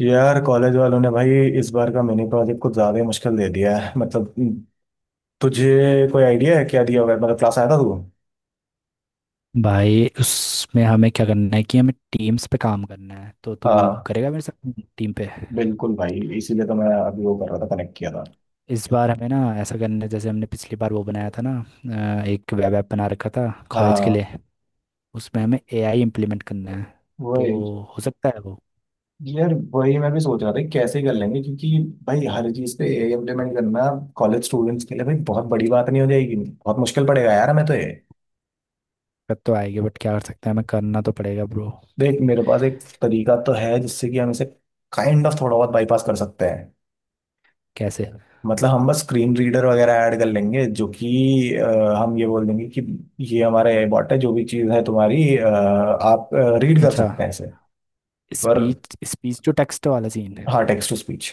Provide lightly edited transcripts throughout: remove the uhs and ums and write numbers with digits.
यार कॉलेज वालों ने भाई इस बार का मिनी प्रोजेक्ट कुछ ज्यादा ही मुश्किल दे दिया है। मतलब तुझे कोई आइडिया है क्या दिया हुआ है? मतलब क्लास आया था तू? भाई, उसमें हमें क्या करना है कि हमें टीम्स पे काम करना है। तो तू हाँ, करेगा मेरे साथ टीम पे? बिल्कुल भाई, इसीलिए तो मैं अभी वो कर रहा था, कनेक्ट किया था। इस बार हमें ना ऐसा करना है जैसे हमने पिछली बार वो बनाया था ना, एक वेब ऐप बना रखा था कॉलेज के हाँ, लिए। उसमें हमें एआई इम्प्लीमेंट करना है। तो वही। हो सकता है वो। यार वही मैं भी सोच रहा था कि कैसे कर लेंगे, क्योंकि भाई हर चीज़ पे एआई इम्प्लीमेंट करना कॉलेज स्टूडेंट्स के लिए भाई बहुत बड़ी बात नहीं हो जाएगी? बहुत मुश्किल पड़ेगा यार हमें तो ये। दिक्कत तो आएगी बट क्या कर सकते हैं, हमें करना तो पड़ेगा ब्रो। देख, मेरे पास एक तरीका तो है जिससे कि हम इसे काइंड ऑफ थोड़ा बहुत बाईपास कर सकते हैं। कैसे? मतलब हम बस स्क्रीन रीडर वगैरह ऐड कर लेंगे जो कि हम ये बोल देंगे कि ये हमारा एआई बॉट है, जो भी चीज़ है तुम्हारी, आप रीड कर अच्छा। सकते हैं इसे। पर स्पीच स्पीच टू टेक्स्ट वाला सीन है। हाँ, टेक्स्ट टू स्पीच।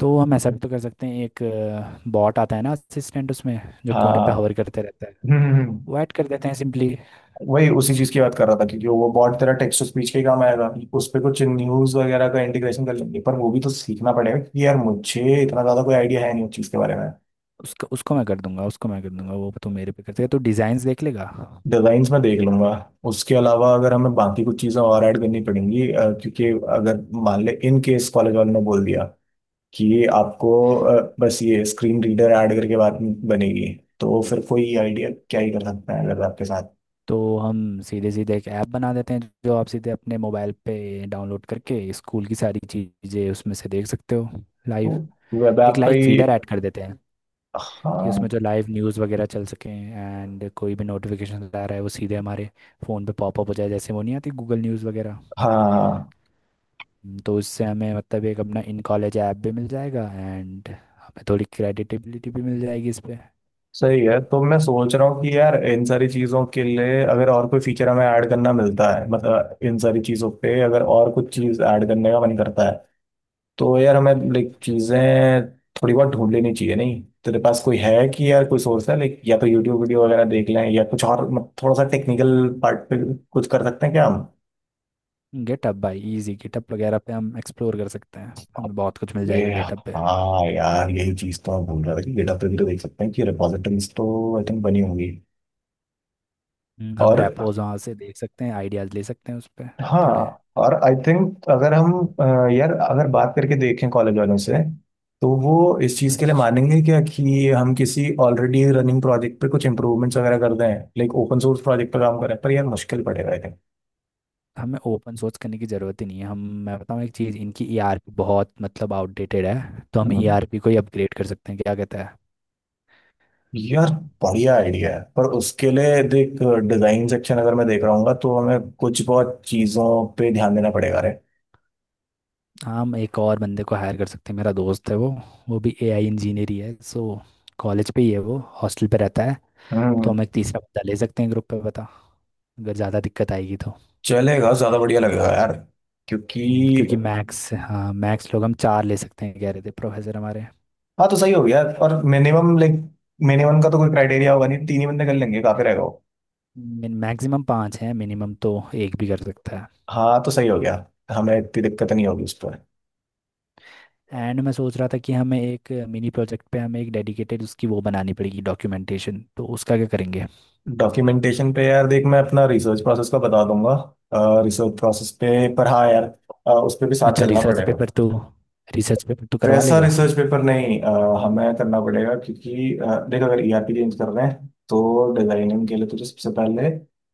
तो हम ऐसा भी तो कर सकते हैं, एक बॉट आता है ना असिस्टेंट उसमें, जो कोने पे हाँ। हवर करते रहता है, हम्म हम्म, वो ऐड कर देते हैं सिंपली। वही उसी चीज़ की बात कर रहा था, क्योंकि वो बॉट तेरा टेक्स्ट टू स्पीच के ही काम आएगा। उस पर कुछ न्यूज़ वगैरह का इंटीग्रेशन कर लेंगे, पर वो भी तो सीखना पड़ेगा क्योंकि यार मुझे इतना ज़्यादा कोई आइडिया है नहीं उस चीज़ के बारे में। उसको उसको मैं कर दूंगा, उसको मैं कर दूंगा। वो तो मेरे पे कर देगा, तो डिज़ाइंस देख लेगा। डिजाइन्स मैं देख लूंगा। उसके अलावा अगर हमें बाकी कुछ चीज़ें और ऐड करनी पड़ेंगी, क्योंकि अगर मान ले इन केस कॉलेज वालों ने बोल दिया कि ये आपको बस ये स्क्रीन रीडर ऐड करके बात बनेगी, तो फिर कोई आइडिया क्या ही कर सकता है अगर आपके साथ। तो हम सीधे सीधे एक ऐप बना देते हैं जो आप सीधे अपने मोबाइल पे डाउनलोड करके स्कूल की सारी चीज़ें उसमें से देख सकते हो लाइव। तो वेब एक ऐप का लाइव ही। फीडर ऐड कर देते हैं कि उसमें हाँ। जो लाइव न्यूज़ वगैरह चल सकें एंड कोई भी नोटिफिकेशन आ रहा है वो सीधे हमारे फ़ोन पे पॉपअप हो जाए, जैसे वो नहीं आती गूगल न्यूज़ वगैरह। हाँ। तो इससे हमें मतलब एक अपना इन कॉलेज ऐप भी मिल जाएगा एंड हमें थोड़ी क्रेडिटेबिलिटी भी मिल जाएगी इस पे। सही है। तो मैं सोच रहा हूँ कि यार इन सारी चीज़ों के लिए अगर और कोई फीचर हमें ऐड करना मिलता है, मतलब इन सारी चीज़ों पे अगर और कुछ चीज़ ऐड करने का मन करता है, तो यार हमें लाइक चीजें थोड़ी बहुत ढूंढ लेनी चाहिए। नहीं तेरे पास कोई है कि यार कोई सोर्स है लाइक, या तो यूट्यूब वीडियो वगैरह देख लें या कुछ और। थोड़ा सा टेक्निकल पार्ट पे कुछ कर सकते हैं क्या हम? गिटहब भाई, इजी, गिटहब वगैरह पे हम एक्सप्लोर कर सकते हैं, हमें बहुत कुछ मिल अरे जाएगा गिटहब पे। हाँ यार, यही चीज तो मैं भूल रहा था कि GitHub पे भी तो देख सकते हैं कि रिपॉजिटरीज तो आई थिंक बनी होंगी। हम और रेपोज वहाँ से देख सकते हैं, आइडियाज़ ले सकते हैं उस पर थोड़े हाँ, और आई थिंक अगर हम यार अगर बात करके देखें कॉलेज वालों से तो वो इस चीज़ के लिए अच्छे। मानेंगे क्या कि हम किसी ऑलरेडी रनिंग प्रोजेक्ट पे कुछ इम्प्रूवमेंट्स वगैरह कर दें, लाइक ओपन सोर्स प्रोजेक्ट पे काम करें? पर यार मुश्किल पड़ेगा आई थिंक। हमें ओपन सोर्स करने की ज़रूरत ही नहीं है। हम मैं बताऊँ एक चीज़, इनकी ईआरपी बहुत मतलब आउटडेटेड है। तो हम हम्म। ईआरपी को ही अपग्रेड कर सकते हैं, क्या कहते हैं? यार बढ़िया आइडिया है, पर उसके लिए देख, डिजाइन सेक्शन अगर मैं देख रहा हूँ तो हमें कुछ बहुत चीज़ों पे ध्यान देना पड़ेगा रे। हम एक और बंदे को हायर कर सकते हैं, मेरा दोस्त है वो भी एआई इंजीनियर ही है। सो कॉलेज पे ही है वो, हॉस्टल पे रहता है। तो हम्म। हम एक तीसरा बंदा ले सकते हैं ग्रुप पे, बता, अगर ज़्यादा दिक्कत आएगी तो। चलेगा, ज़्यादा बढ़िया लगेगा यार, क्योंकि क्योंकि मैक्स, हाँ मैक्स लोग हम चार ले सकते हैं कह रहे थे प्रोफेसर हमारे। हाँ तो सही हो गया। और मिनिमम लाइक मिनिमम का तो कोई क्राइटेरिया होगा नहीं, तीन ही बंदे कर लेंगे, काफी रहेगा वो। मैक्सिमम पाँच हैं, मिनिमम तो एक भी कर सकता है। हाँ तो सही हो गया, हमें इतनी दिक्कत नहीं होगी उस पर। एंड मैं सोच रहा था कि हमें एक मिनी प्रोजेक्ट पे हमें एक डेडिकेटेड उसकी वो बनानी पड़ेगी डॉक्यूमेंटेशन, तो उसका क्या करेंगे? डॉक्यूमेंटेशन पे यार देख, मैं अपना रिसर्च प्रोसेस का बता दूंगा, रिसर्च प्रोसेस पे। पर हाँ यार, उस पे भी साथ अच्छा। चलना पड़ेगा। रिसर्च पेपर तो करवा वैसा लेगा। रिसर्च पेपर नहीं, हमें करना पड़ेगा क्योंकि देख, अगर ईआरपी चेंज कर रहे हैं तो डिजाइनिंग के लिए तुझे सबसे पहले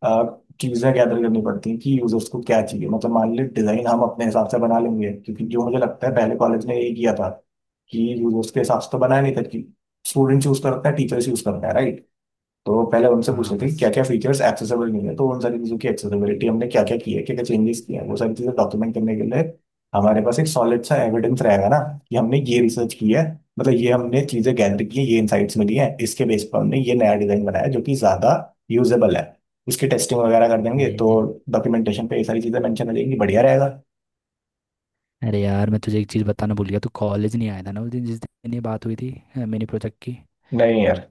चीजें गैदर करनी पड़ती हैं कि यूजर्स को क्या चाहिए। मतलब मान ले, डिजाइन हम अपने हिसाब से बना लेंगे, क्योंकि जो मुझे लगता है हम्म, पहले कॉलेज ने यही किया था कि यूजर्स के हिसाब से तो बनाया नहीं था। कि स्टूडेंट चूज करता है, टीचर्स यूज करता है, राइट? तो पहले उनसे पूछ हाँ रहे थे क्या बस। क्या फीचर्स एक्सेसिबल नहीं है, तो उन सारी चीज़ों की एक्सेसिबिलिटी हमने क्या क्या की है, क्या क्या चेंजेस किए हैं, वो सारी चीज़ें डॉक्यूमेंट करने के लिए हमारे पास एक सॉलिड सा एविडेंस रहेगा ना, कि हमने ये रिसर्च की है। मतलब ये हमने चीज़ें गैदर की है, ये इनसाइट्स मिली है, इसके बेस पर हमने ये नया डिज़ाइन बनाया जो कि ज़्यादा यूजेबल है। उसकी टेस्टिंग वगैरह कर देंगे, तो ए, डॉक्यूमेंटेशन पे ये सारी चीज़ें मेंशन हो जाएंगी, बढ़िया रहेगा। अरे यार, मैं तुझे एक चीज़ बताना भूल गया, तू कॉलेज नहीं आया था ना उस दिन जिस दिन ये बात हुई थी, मिनी प्रोजेक्ट की। नहीं यार।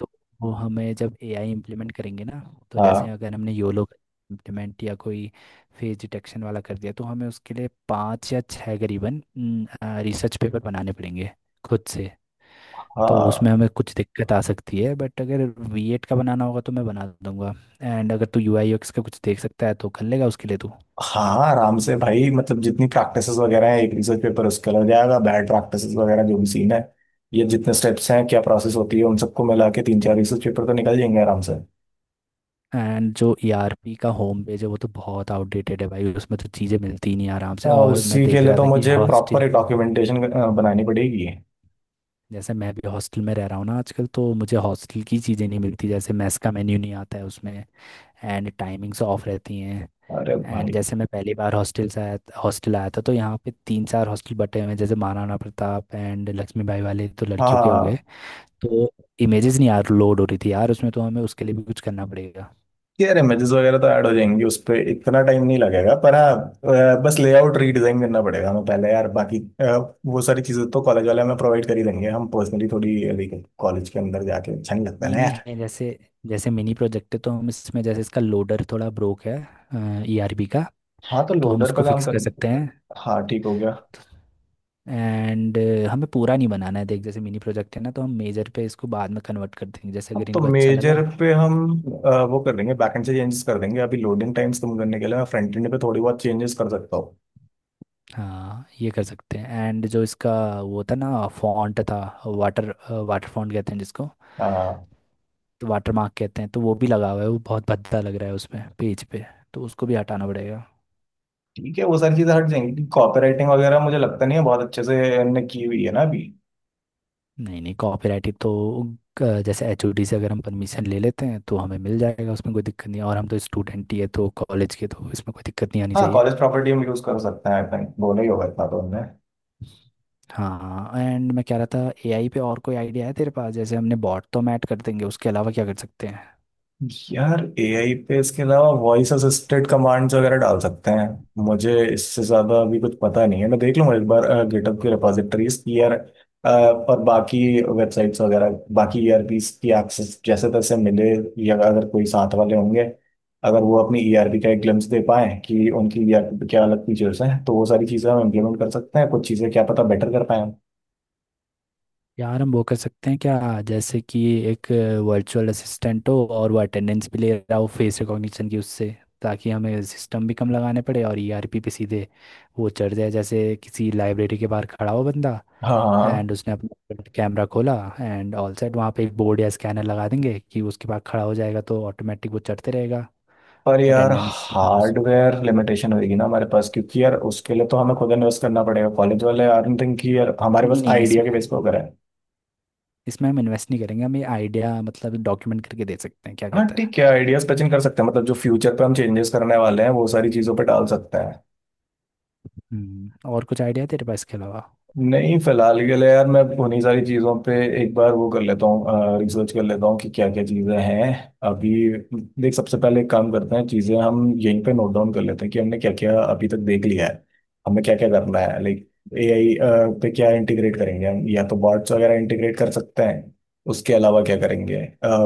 तो वो, हमें जब एआई इम्प्लीमेंट करेंगे ना, तो जैसे हाँ। अगर हमने योलो इम्प्लीमेंट या कोई फेस डिटेक्शन वाला कर दिया, तो हमें उसके लिए पाँच या छः करीबन रिसर्च पेपर बनाने पड़ेंगे खुद से। तो उसमें हाँ। हमें कुछ दिक्कत आ सकती है, बट अगर वीएट का बनाना होगा तो मैं बना दूंगा। एंड अगर तू यूआई यूएक्स का कुछ देख सकता है तो कर लेगा उसके लिए तू। हाँ आराम से भाई, मतलब जितनी प्रैक्टिसेस वगैरह है एक रिसर्च पेपर उसका लग जाएगा, बैड प्रैक्टिसेस वगैरह जो भी सीन है, ये जितने स्टेप्स हैं, क्या प्रोसेस होती है, उन सबको मिला के तीन चार रिसर्च पेपर तो निकल जाएंगे आराम से। एंड जो ईआरपी का होम पेज है वो तो बहुत आउटडेटेड है भाई, उसमें तो चीज़ें मिलती ही नहीं आराम से। आ, और मैं उसी के देख लिए रहा तो था कि मुझे प्रॉपर हॉस्टल एक डॉक्यूमेंटेशन बनानी पड़ेगी। जैसे मैं भी हॉस्टल में रह रहा हूँ ना आजकल, तो मुझे हॉस्टल की चीज़ें नहीं मिलती, जैसे मेस का मेन्यू नहीं आता है उसमें एंड टाइमिंग्स ऑफ रहती हैं। अरे एंड भाई। जैसे मैं पहली बार हॉस्टल से आया हॉस्टल आया था तो यहाँ पे तीन चार हॉस्टल बटे हुए हैं, जैसे महाराणा प्रताप एंड लक्ष्मीबाई वाले तो लड़कियों के हो गए। हाँ तो इमेजेस नहीं यार लोड हो रही थी यार उसमें, तो हमें उसके लिए भी कुछ करना पड़ेगा। यार, इमेजेस वगैरह तो ऐड हो जाएंगी, उस पर इतना टाइम नहीं लगेगा, पर हाँ बस लेआउट रीडिजाइन करना पड़ेगा हमें पहले यार। बाकी वो सारी चीज़ें तो कॉलेज वाले हमें प्रोवाइड कर ही देंगे, हम पर्सनली थोड़ी कॉलेज के अंदर जाके, अच्छा नहीं लगता नहीं ना। नहीं, हमें जैसे जैसे मिनी प्रोजेक्ट है, तो हम इसमें जैसे इसका लोडर थोड़ा ब्रोक है ई आर बी का, हाँ तो तो हम लोडर पे उसको काम फिक्स कर करना। सकते हैं। हाँ ठीक हो गया। एंड हमें पूरा नहीं बनाना है, देख जैसे मिनी प्रोजेक्ट है ना, तो हम मेजर पे इसको बाद में कन्वर्ट कर देंगे जैसे अब अगर तो इनको अच्छा मेजर लगा। पे हम वो कर देंगे, बैकएंड से चेंजेस कर देंगे। अभी लोडिंग टाइम्स कम करने के लिए मैं फ्रंट एंड पे थोड़ी बहुत चेंजेस कर सकता हूँ। हाँ, ये कर सकते हैं। एंड जो इसका वो था ना, फॉन्ट था, वाटर वाटर फॉन्ट कहते हैं जिसको, हाँ तो वाटर मार्क कहते हैं, तो वो भी लगा हुआ है, वो बहुत भद्दा लग रहा है उसमें पेज पे, तो उसको भी हटाना पड़ेगा। ठीक है, वो सारी चीज़ें हट जाएंगी। कॉपीराइटिंग वगैरह मुझे लगता नहीं है बहुत अच्छे से हमने की हुई है ना अभी। नहीं नहीं, कॉपीराइट तो जैसे एचओडी से अगर हम परमिशन ले लेते हैं तो हमें मिल जाएगा, उसमें कोई दिक्कत नहीं है। और हम तो स्टूडेंट ही है तो कॉलेज के, तो इसमें कोई दिक्कत नहीं आनी हाँ, चाहिए। कॉलेज प्रॉपर्टी हम यूज़ कर सकते हैं आई थिंक, दोनों ही होगा इतना तो हमने। हाँ। एंड मैं कह रहा था, एआई पे और कोई आइडिया है तेरे पास? जैसे हमने बॉट तो मैट कर देंगे, उसके अलावा क्या कर सकते हैं? यार एआई पे इसके अलावा वॉइस असिस्टेड कमांड्स वगैरह डाल सकते हैं। मुझे इससे ज्यादा अभी कुछ पता नहीं है, मैं देख लूंगा एक बार गिटहब की रिपोजिटरीज की यार। और बाकी वेबसाइट्स वगैरह, बाकी ईआरपीस की एक्सेस जैसे तैसे मिले, या अगर कोई साथ वाले होंगे, अगर वो अपनी ईआरपी का एक ग्लिम्स दे पाए कि उनकी ईआरपी पे क्या अलग फीचर्स हैं, तो वो सारी चीज़ें हम इम्प्लीमेंट कर सकते हैं, कुछ चीज़ें क्या पता बेटर कर पाए। यार हम वो कर सकते हैं क्या, जैसे कि एक वर्चुअल असिस्टेंट हो और वो अटेंडेंस भी ले रहा हो फेस रिकॉग्निशन की उससे, ताकि हमें सिस्टम भी कम लगाने पड़े और ईआरपी पे सीधे वो चढ़ जाए, जैसे किसी लाइब्रेरी के बाहर खड़ा हो बंदा, हाँ। हाँ। एंड उसने अपना कैमरा खोला एंड ऑल सेट। वहाँ पे एक बोर्ड या स्कैनर लगा देंगे कि उसके पास खड़ा हो जाएगा तो ऑटोमेटिक वो चढ़ते रहेगा। पर यार अटेंडेंस और उस- हार्डवेयर लिमिटेशन होगी ना हमारे पास, क्योंकि यार उसके लिए तो हमें खुद इन्वेस्ट करना पड़ेगा, कॉलेज वाले आई डोंट थिंक कि यार हमारे नहीं पास नहीं, आइडिया के बेस इसमें पे वगैरह है। इसमें हम इन्वेस्ट नहीं करेंगे, हम ये आइडिया मतलब डॉक्यूमेंट करके दे सकते हैं, क्या हाँ कहता है? ठीक है, आइडियाज पचिंग कर सकते हैं, मतलब जो फ्यूचर पे हम चेंजेस करने वाले हैं, वो सारी चीजों पे डाल सकते हैं। और कुछ आइडिया है तेरे पास इसके अलावा? नहीं फिलहाल के लिए यार, मैं उन्हीं सारी चीज़ों पे एक बार वो कर लेता हूँ, रिसर्च कर लेता हूँ कि क्या क्या चीज़ें हैं अभी। देख, सबसे पहले एक काम करते हैं, चीज़ें हम यहीं पे नोट डाउन कर लेते हैं कि हमने क्या क्या अभी तक देख लिया है, हमें क्या क्या करना है। लाइक एआई पे क्या इंटीग्रेट करेंगे हम, या तो बॉट्स वगैरह इंटीग्रेट कर सकते हैं, उसके अलावा क्या करेंगे?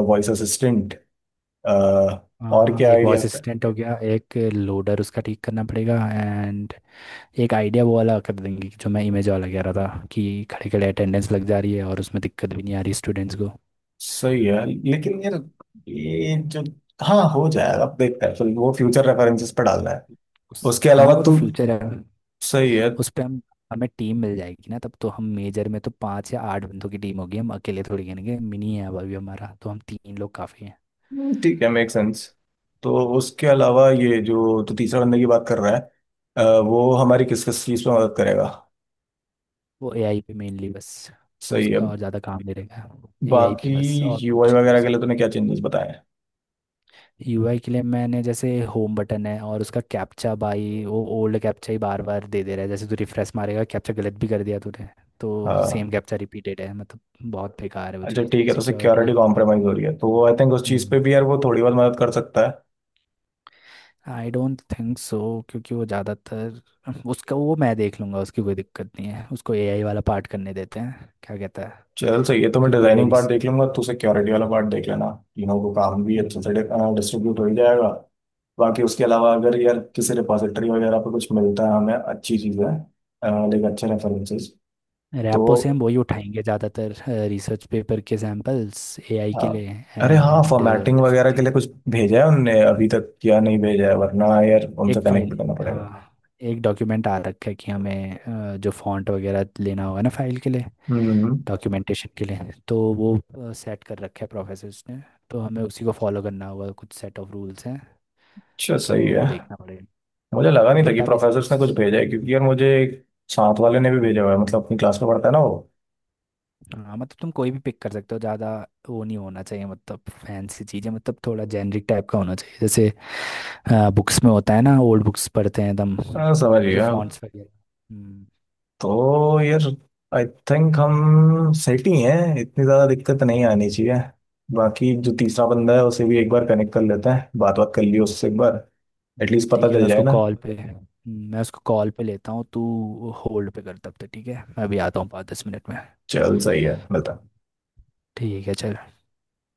Voice assistant. और क्या एक वॉइस आइडियाज थे? असिस्टेंट हो गया, एक लोडर उसका ठीक करना पड़ेगा, एंड एक आइडिया वो वाला कर देंगे जो मैं इमेज वाला कह रहा था कि खड़े खड़े अटेंडेंस लग जा रही है और उसमें दिक्कत भी नहीं आ रही स्टूडेंट्स को। सही है लेकिन यार ये जो, हाँ हो जाएगा। अब देखते हैं, फिर वो फ्यूचर रेफरेंसेस पे डालना है। उस उसके हाँ, अलावा वो तो तू, फ्यूचर है। सही है। उस पर हम हमें टीम मिल जाएगी ना तब तो, हम मेजर में तो पाँच या आठ बंदों की टीम होगी, हम अकेले थोड़ी गिनेंगे, मिनी है अब अभी हमारा, तो हम तीन लोग काफ़ी हैं। ठीक है, मेक सेंस। तो उसके अलावा ये जो तू तीसरा बंदे की बात कर रहा है, वो हमारी किस किस चीज़ में मदद करेगा? वो एआई पे मेनली बस, सही है। उसका और ज़्यादा काम दे देगा। एआई पे बाकी बस, और कुछ यूआई नहीं कर वगैरह के लिए सकते। तूने क्या चेंजेस बताए हैं? यूआई के लिए मैंने जैसे होम बटन है और उसका कैप्चा भाई, वो ओल्ड कैप्चा ही बार बार दे दे रहा है, जैसे तू रिफ्रेश मारेगा, कैप्चा गलत भी कर दिया तूने, तो हाँ। सेम कैप्चा रिपीटेड है, मतलब बहुत बेकार है वो अच्छा ठीक चीज़ है, तो सिक्योरिटी सिक्योरिटी। कॉम्प्रोमाइज़ हो रही है तो आई थिंक उस चीज़ पे भी यार वो थोड़ी बहुत मदद कर सकता है। आई डोंट थिंक सो, क्योंकि वो ज़्यादातर उसका वो मैं देख लूँगा, उसकी कोई दिक्कत नहीं है, उसको एआई वाला पार्ट करने देते हैं, क्या कहता है? चल सही है, तो मैं क्योंकि वो डिजाइनिंग पार्ट रिस देख लूंगा, तू सिक्योरिटी वाला पार्ट देख लेना। तीनों को काम भी हम्म। अच्छे से डिस्ट्रीब्यूट हो ही जाएगा। बाकी उसके अलावा अगर यार किसी रिपोजिटरी वगैरह पे कुछ मिलता है हमें, अच्छी चीज़ें लाइक, अच्छे रेफरेंसेस, तो रैपो से हम वही उठाएंगे ज़्यादातर, रिसर्च पेपर के सैम्पल्स एआई हाँ। के लिए। अरे हाँ, एंड फॉर्मेटिंग वगैरह के लिए कुछ भेजा है उनने अभी तक या नहीं भेजा है? वरना यार एक उनसे कनेक्ट फाइल भी करना पड़ेगा। हाँ, एक डॉक्यूमेंट आ रखा है कि हमें जो फॉन्ट वगैरह लेना होगा ना फाइल के लिए, हम्म। डॉक्यूमेंटेशन के लिए, तो वो सेट कर रखा है प्रोफेसर्स ने। तो हमें उसी को फॉलो करना होगा, कुछ सेट ऑफ रूल्स हैं, अच्छा तो सही है। वो देखना पड़ेगा। मुझे लगा तो नहीं था कि डेटाबेस में प्रोफेसर्स ने कुछ, कुछ भेजा है, क्योंकि यार मुझे एक साथ वाले ने भी भेजा हुआ है, मतलब अपनी क्लास में पढ़ता है ना वो। हाँ मतलब तुम कोई भी पिक कर सकते हो, ज़्यादा वो नहीं होना चाहिए मतलब फैंसी चीज़ें, मतलब थोड़ा जेनरिक टाइप का होना चाहिए, जैसे बुक्स में होता है ना, ओल्ड बुक्स पढ़ते हैं एकदम, हाँ तो समझ उनके हाँ गया। फॉन्ट्स वगैरह। हम्म, तो यार आई थिंक हम सेट ही हैं, इतनी ज़्यादा दिक्कत नहीं आनी चाहिए। बाकी जो हम्म, तीसरा बंदा है उसे भी एक बार कनेक्ट कर लेते हैं, बात बात कर लियो उससे एक बार, एटलीस्ट ठीक पता है, मैं चल जाए उसको ना। कॉल बिल्कुल पे, मैं उसको कॉल पे लेता हूँ, तू होल्ड पे कर तब तक। ठीक है, मैं अभी आता हूँ 5-10 मिनट में। चल सही है, मिलता है। ठीक है चल।